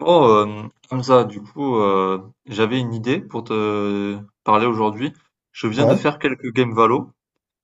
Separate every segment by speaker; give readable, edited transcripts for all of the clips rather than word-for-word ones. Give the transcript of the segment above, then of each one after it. Speaker 1: Oh, Hamza, du coup, j'avais une idée pour te parler aujourd'hui. Je viens de
Speaker 2: Ouais,
Speaker 1: faire quelques games Valo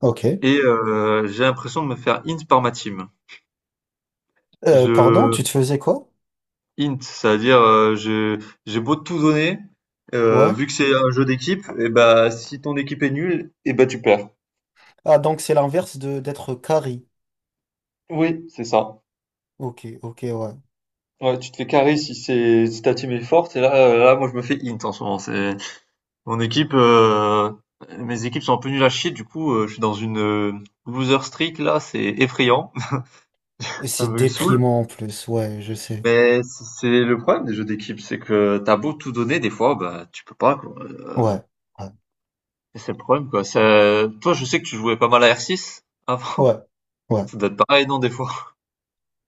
Speaker 2: ok.
Speaker 1: et j'ai l'impression de me faire int par ma team. Je
Speaker 2: Pardon, tu te faisais quoi?
Speaker 1: int, c'est-à-dire j'ai beau tout donner,
Speaker 2: Ouais.
Speaker 1: vu que c'est un jeu d'équipe, et bah si ton équipe est nulle, et bah tu perds.
Speaker 2: Ah, donc c'est l'inverse de d'être carré.
Speaker 1: Oui, c'est ça.
Speaker 2: Ok, ok, ouais.
Speaker 1: Ouais, tu te fais carry si ta team est forte. Et là, là moi je me fais int en ce moment. C'est Mon équipe, mes équipes sont un peu nulles à chier. Du coup, je suis dans une, loser streak là, c'est effrayant.
Speaker 2: Et
Speaker 1: Ça
Speaker 2: c'est
Speaker 1: me saoule.
Speaker 2: déprimant en plus, ouais, je sais.
Speaker 1: Mais c'est le problème des jeux d'équipe, c'est que t'as beau tout donner, des fois, bah, tu peux pas quoi,
Speaker 2: Ouais, ouais,
Speaker 1: c'est le problème quoi. Ça toi, je sais que tu jouais pas mal à R6
Speaker 2: ouais,
Speaker 1: avant?
Speaker 2: ouais.
Speaker 1: Ça doit être pareil, non, des fois?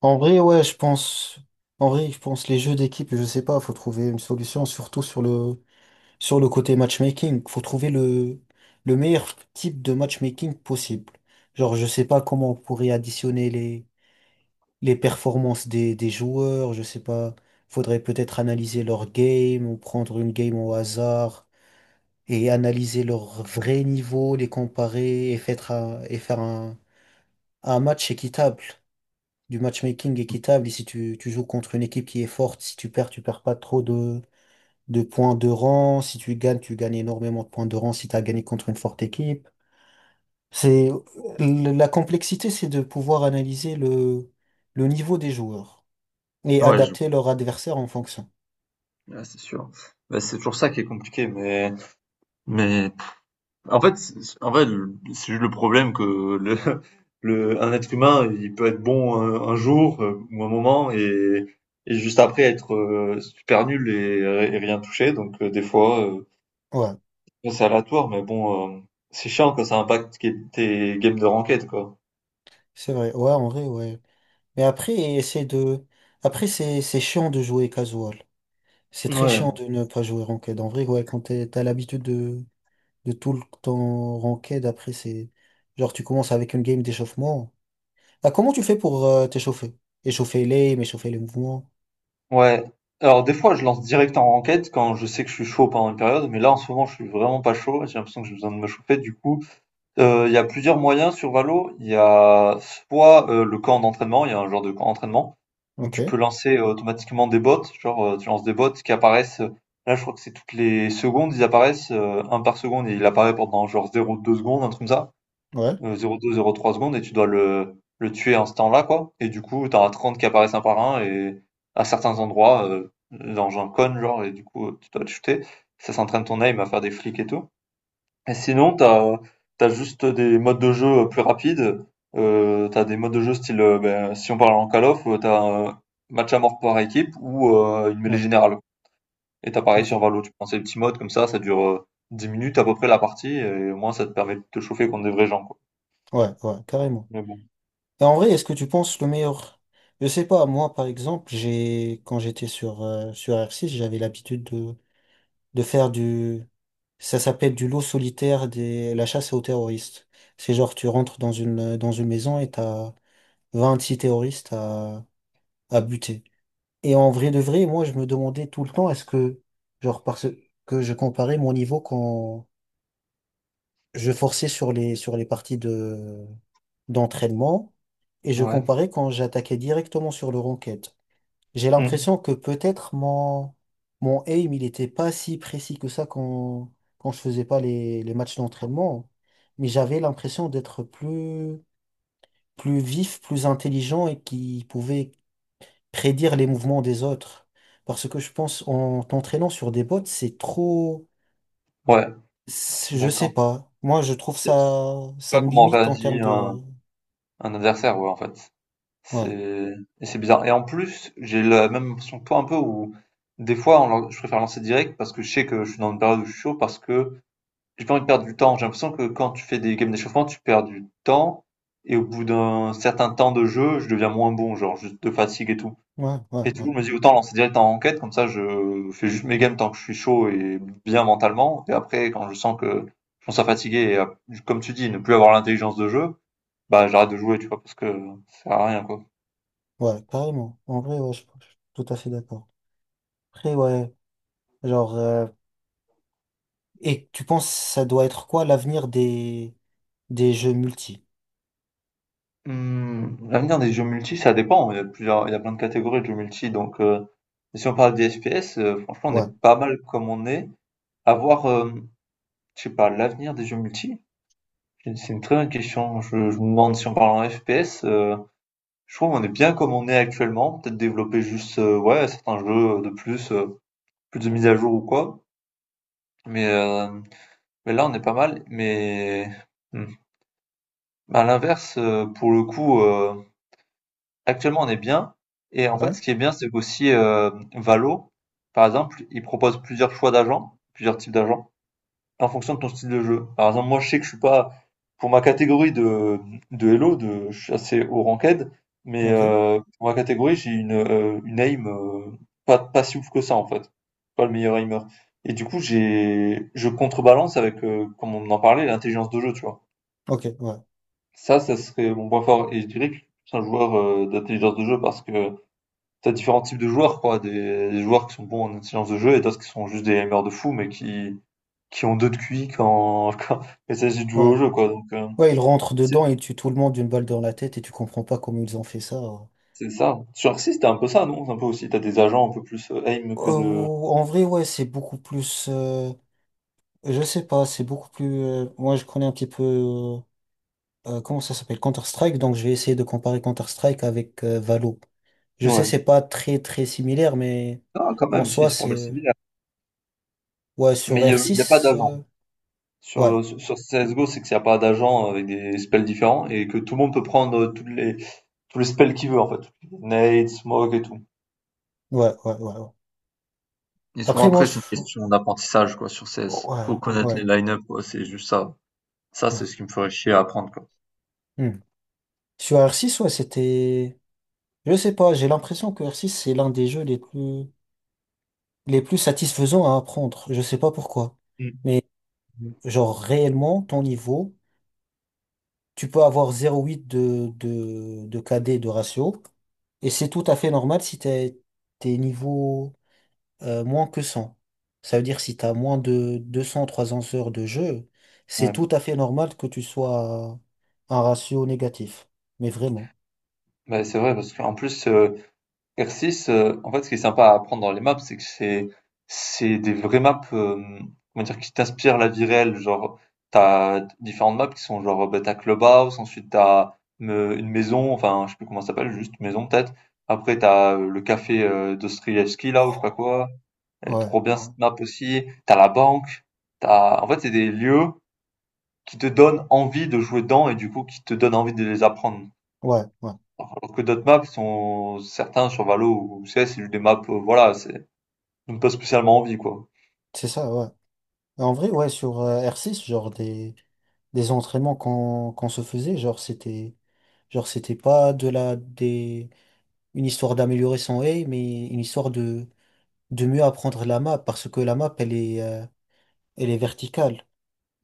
Speaker 2: En vrai, ouais, je pense. En vrai, je pense les jeux d'équipe, je sais pas, faut trouver une solution, surtout sur le côté matchmaking. Faut trouver le meilleur type de matchmaking possible. Genre, je sais pas comment on pourrait additionner les performances des joueurs, je sais pas. Faudrait peut-être analyser leur game ou prendre une game au hasard et analyser leur vrai niveau, les comparer et faire un match équitable, du matchmaking équitable. Et si tu joues contre une équipe qui est forte, si tu perds, tu perds pas trop de points de rang. Si tu gagnes, tu gagnes énormément de points de rang si tu as gagné contre une forte équipe. C'est, la complexité, c'est de pouvoir analyser le niveau des joueurs, et
Speaker 1: Ouais, je vois.
Speaker 2: adapter leur adversaire en fonction.
Speaker 1: Ouais, c'est sûr. Bah, c'est toujours ça qui est compliqué, mais en fait, en vrai, c'est juste le problème que le, un être humain, il peut être bon un jour ou un moment, et juste après être super nul et rien toucher. Donc des fois,
Speaker 2: Ouais,
Speaker 1: bon, c'est aléatoire, mais bon, c'est chiant quand ça impacte tes games de ranked, quoi.
Speaker 2: c'est vrai. Ouais, en vrai, ouais. Mais après, essayer de. Après, c'est chiant de jouer casual. C'est très
Speaker 1: Ouais,
Speaker 2: chiant de ne pas jouer ranked. En vrai, ouais, quand t'as l'habitude de tout le temps ranked, après, c'est. Genre, tu commences avec une game d'échauffement. Ah, comment tu fais pour t'échauffer? Échauffer l'aim, échauffer les mouvements.
Speaker 1: ouais. Alors des fois, je lance direct en ranked quand je sais que je suis chaud pendant une période, mais là en ce moment, je suis vraiment pas chaud. J'ai l'impression que j'ai besoin de me chauffer. Du coup, il y a plusieurs moyens sur Valo. Il y a soit, le camp d'entraînement, il y a un genre de camp d'entraînement où
Speaker 2: Ok,
Speaker 1: tu peux lancer, automatiquement des bots, genre, tu lances des bots qui apparaissent, là je crois que c'est toutes les secondes, ils apparaissent, 1 par seconde, et il apparaît pendant genre 0,2 secondes, un truc comme ça,
Speaker 2: ouais,
Speaker 1: 0,2-0,3 secondes, et tu dois le tuer en ce temps-là, quoi. Et du coup, tu as 30 qui apparaissent un par un et à certains endroits, dans un cône genre. Et du coup, tu dois le shooter. Ça s'entraîne ton aim à faire des flics et tout. Et sinon, t'as juste des modes de jeu plus rapides. T'as des modes de jeu style, ben, si on parle en Call of, t'as un match à mort par équipe ou une mêlée
Speaker 2: ouais,
Speaker 1: générale. Et t'as pareil
Speaker 2: ok,
Speaker 1: sur Valo, tu prends ces petits modes comme ça dure 10 minutes à peu près la partie, et au moins ça te permet de te chauffer contre des vrais gens, quoi.
Speaker 2: ouais, ouais, carrément.
Speaker 1: Mais bon.
Speaker 2: Et en vrai, est-ce que tu penses le meilleur? Je sais pas, moi par exemple, j'ai quand j'étais sur, sur R6, j'avais l'habitude de faire du. Ça s'appelle du lot solitaire des la chasse aux terroristes. C'est genre tu rentres dans une maison et t'as 26 terroristes à buter. Et en vrai de vrai, moi je me demandais tout le temps est-ce que genre parce que je comparais mon niveau quand je forçais sur sur les parties d'entraînement et je
Speaker 1: Ouais.
Speaker 2: comparais quand j'attaquais directement sur le ranked. J'ai
Speaker 1: Mm.
Speaker 2: l'impression que peut-être mon aim, il était pas si précis que ça quand je faisais pas les matchs d'entraînement, mais j'avais l'impression plus vif, plus intelligent et qui pouvait prédire les mouvements des autres. Parce que je pense en t'entraînant sur des bots,
Speaker 1: Ouais,
Speaker 2: je sais
Speaker 1: d'accord.
Speaker 2: pas. Moi, je trouve
Speaker 1: C'est
Speaker 2: ça, ça
Speaker 1: pas
Speaker 2: me
Speaker 1: comment
Speaker 2: limite en termes
Speaker 1: réagit
Speaker 2: de.
Speaker 1: un adversaire, ouais, en fait.
Speaker 2: Ouais,
Speaker 1: C'est, et c'est bizarre. Et en plus, j'ai la même impression que toi un peu où des fois on lan je préfère lancer direct parce que je sais que je suis dans une période où je suis chaud, parce que j'ai pas envie de perdre du temps. J'ai l'impression que quand tu fais des games d'échauffement, tu perds du temps, et au bout d'un certain temps de jeu, je deviens moins bon, genre juste de fatigue et tout.
Speaker 2: ouais, ouais,
Speaker 1: Et du
Speaker 2: ouais,
Speaker 1: coup, je me dis: «Autant lancer direct en enquête comme ça je fais juste mes games tant que je suis chaud et bien mentalement». Et après quand je sens que je commence à fatiguer et à, comme tu dis, ne plus avoir l'intelligence de jeu, bah, j'arrête de jouer, tu vois? Parce que ça sert à rien, quoi.
Speaker 2: ouais, carrément. En vrai, ouais, je suis tout à fait d'accord. Après, ouais, genre, et tu penses ça doit être quoi l'avenir des jeux multi?
Speaker 1: Mmh, l'avenir des jeux multi, ça dépend. Il y a plusieurs, il y a plein de catégories de jeux multi. Donc, si on parle des FPS, franchement, on est
Speaker 2: Ouais,
Speaker 1: pas mal comme on est. À voir, je sais pas, l'avenir des jeux multi, c'est une très bonne question. Je me demande si on parle en FPS, je trouve qu'on est bien comme on est actuellement. Peut-être développer juste, ouais, certains jeux de plus, plus de mise à jour ou quoi. Mais, là, on est pas mal. Mais hmm. à l'inverse, pour le coup, actuellement, on est bien. Et en
Speaker 2: ouais,
Speaker 1: fait, ce qui est bien, c'est qu'aussi, Valo, par exemple, il propose plusieurs choix d'agents, plusieurs types d'agents, en fonction de ton style de jeu. Par exemple, moi, je sais que je suis pas, pour ma catégorie de Hello, de, je suis assez haut ranked, mais
Speaker 2: ok,
Speaker 1: pour ma catégorie, j'ai une aim pas, pas si ouf que ça, en fait. Pas le meilleur aimer. Et du coup, je contrebalance avec, comme on en parlait, l'intelligence de jeu, tu vois.
Speaker 2: ok, ouais,
Speaker 1: Ça serait mon point fort. Et je dirais que je suis un joueur d'intelligence de jeu, parce que t'as différents types de joueurs, quoi. Des joueurs qui sont bons en intelligence de jeu et d'autres qui sont juste des aimers de fou, mais qui ont deux de QI quand, quand il s'agit de jouer
Speaker 2: ouais,
Speaker 1: au jeu, quoi. Donc,
Speaker 2: ouais. Ils rentrent
Speaker 1: c'est,
Speaker 2: dedans et tuent tout le monde d'une balle dans la tête et tu comprends pas comment ils ont fait ça.
Speaker 1: c'est ça. Sur Arxis, c'était un peu ça, non? C'est un peu aussi, t'as des agents un peu plus aim que de.
Speaker 2: En vrai, ouais, c'est beaucoup plus. Je sais pas, c'est beaucoup plus. Moi, je connais un petit peu. Comment ça s'appelle? Counter-Strike. Donc, je vais essayer de comparer Counter-Strike avec Valo. Je sais, c'est
Speaker 1: Ouais.
Speaker 2: pas très similaire, mais
Speaker 1: Ah, quand
Speaker 2: en
Speaker 1: même, si,
Speaker 2: soi,
Speaker 1: c'est pas mal
Speaker 2: c'est.
Speaker 1: similaire.
Speaker 2: Ouais,
Speaker 1: Mais
Speaker 2: sur
Speaker 1: il y a pas
Speaker 2: R6,
Speaker 1: d'agent.
Speaker 2: euh, ouais,
Speaker 1: Sur CSGO, c'est qu'il n'y a pas d'agent avec des spells différents, et que tout le monde peut prendre tous les spells qu'il veut, en fait. Nade, smoke et tout.
Speaker 2: ouais, ouais, ouais, ouais.
Speaker 1: Et souvent
Speaker 2: Après, moi,
Speaker 1: après, c'est une
Speaker 2: je.
Speaker 1: question d'apprentissage, quoi, sur CS. Faut
Speaker 2: Ouais,
Speaker 1: connaître
Speaker 2: ouais,
Speaker 1: les line-up, quoi, c'est juste ça. Ça,
Speaker 2: ouais.
Speaker 1: c'est ce qui me ferait chier à apprendre, quoi.
Speaker 2: Hmm. Sur R6, ouais, c'était. Je sais pas, j'ai l'impression que R6, c'est l'un des jeux les plus satisfaisants à apprendre. Je sais pas pourquoi.
Speaker 1: Mm.
Speaker 2: Mais, genre, réellement, ton niveau. Tu peux avoir 0,8 de KD de ratio. Et c'est tout à fait normal si t'es niveau moins que 100. Ça veut dire si t'as moins de 200-300 heures de jeu, c'est
Speaker 1: Ouais.
Speaker 2: tout à fait normal que tu sois un ratio négatif. Mais vraiment.
Speaker 1: Mais c'est vrai, parce qu'en plus, R6, en fait, ce qui est sympa à apprendre dans les maps, c'est que c'est des vraies maps, comment dire, qui t'inspirent la vie réelle. Genre, t'as différentes maps qui sont genre, bah, t'as Clubhouse, ensuite une maison, enfin, je sais plus comment ça s'appelle, juste maison peut-être. Après, t'as le café Dostoïevski, là, ou je sais pas quoi. Elle est
Speaker 2: Ouais,
Speaker 1: trop bien
Speaker 2: ouais,
Speaker 1: cette map aussi. T'as la banque. T'as... En fait, c'est des lieux qui te donnent envie de jouer dedans et du coup qui te donnent envie de les apprendre.
Speaker 2: ouais, ouais.
Speaker 1: Alors que d'autres maps sont certains sur Valo ou CS, c'est juste des maps, voilà, c'est donnent pas spécialement envie quoi.
Speaker 2: C'est ça, ouais. Et en vrai, ouais, sur R6, genre des entraînements qu'on se faisait, genre c'était pas de la des une histoire d'améliorer son aim, mais une histoire de mieux apprendre la map, parce que la map, elle est verticale.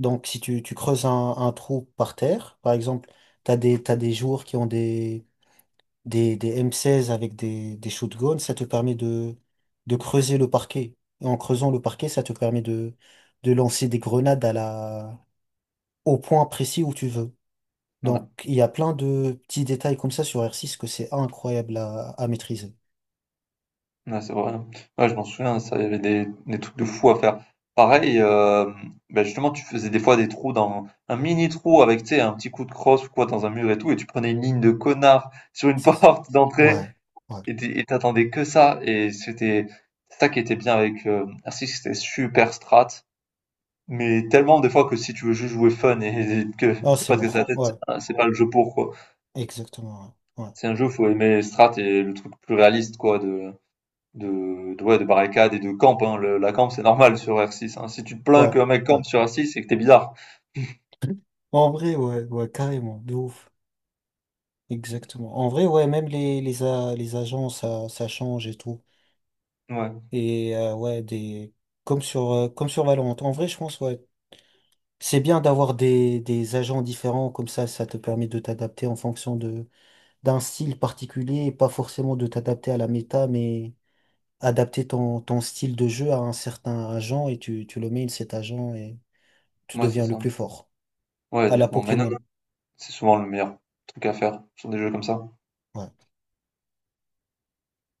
Speaker 2: Donc, si tu creuses un trou par terre, par exemple, t'as des joueurs qui ont des M16 avec des shotguns, ça te permet de creuser le parquet. Et en creusant le parquet, ça te permet de lancer des grenades au point précis où tu veux.
Speaker 1: Ouais,
Speaker 2: Donc, il y a plein de petits détails comme ça sur R6 que c'est incroyable à maîtriser.
Speaker 1: ouais, c'est vrai. Ouais, je m'en souviens, ça, il y avait des trucs de fou à faire. Pareil, ben justement, tu faisais des fois des trous dans un mini trou avec, tu sais, un petit coup de crosse ou quoi dans un mur et tout, et tu prenais une ligne de connard sur une
Speaker 2: C'est ça.
Speaker 1: porte d'entrée.
Speaker 2: Ouais. Ouais.
Speaker 1: Et tu et t'attendais que ça, et c'était ça qui était bien avec Arctic, c'était super strat, mais tellement des fois que si tu veux juste jouer fun, et que
Speaker 2: Ah, c'est
Speaker 1: pas te casser la
Speaker 2: mort.
Speaker 1: tête,
Speaker 2: Ouais,
Speaker 1: c'est pas le jeu pour quoi.
Speaker 2: exactement. Ouais,
Speaker 1: C'est un jeu, faut aimer strat et le truc plus réaliste quoi, ouais, de barricade et de camp. Hein. La camp, c'est normal sur R6. Hein. Si tu te
Speaker 2: ouais,
Speaker 1: plains qu'un mec
Speaker 2: ouais. ouais.
Speaker 1: campe sur R6, c'est que t'es bizarre.
Speaker 2: En vrai, ouais, ouais, carrément, de ouf. Exactement. En vrai, ouais, même les agents, ça change et tout.
Speaker 1: Ouais,
Speaker 2: Et ouais, des... comme sur Valorant. En vrai, je pense, ouais, c'est bien d'avoir des agents différents, comme ça te permet de t'adapter en fonction de, d'un style particulier, et pas forcément de t'adapter à la méta, mais adapter ton style de jeu à un certain agent et tu le mets, cet agent, et tu
Speaker 1: ouais, c'est
Speaker 2: deviens le
Speaker 1: ça.
Speaker 2: plus fort.
Speaker 1: Ouais,
Speaker 2: À la
Speaker 1: exactement. Mais non, non,
Speaker 2: Pokémon.
Speaker 1: c'est souvent le meilleur truc à faire sur des jeux comme ça.
Speaker 2: Ouais.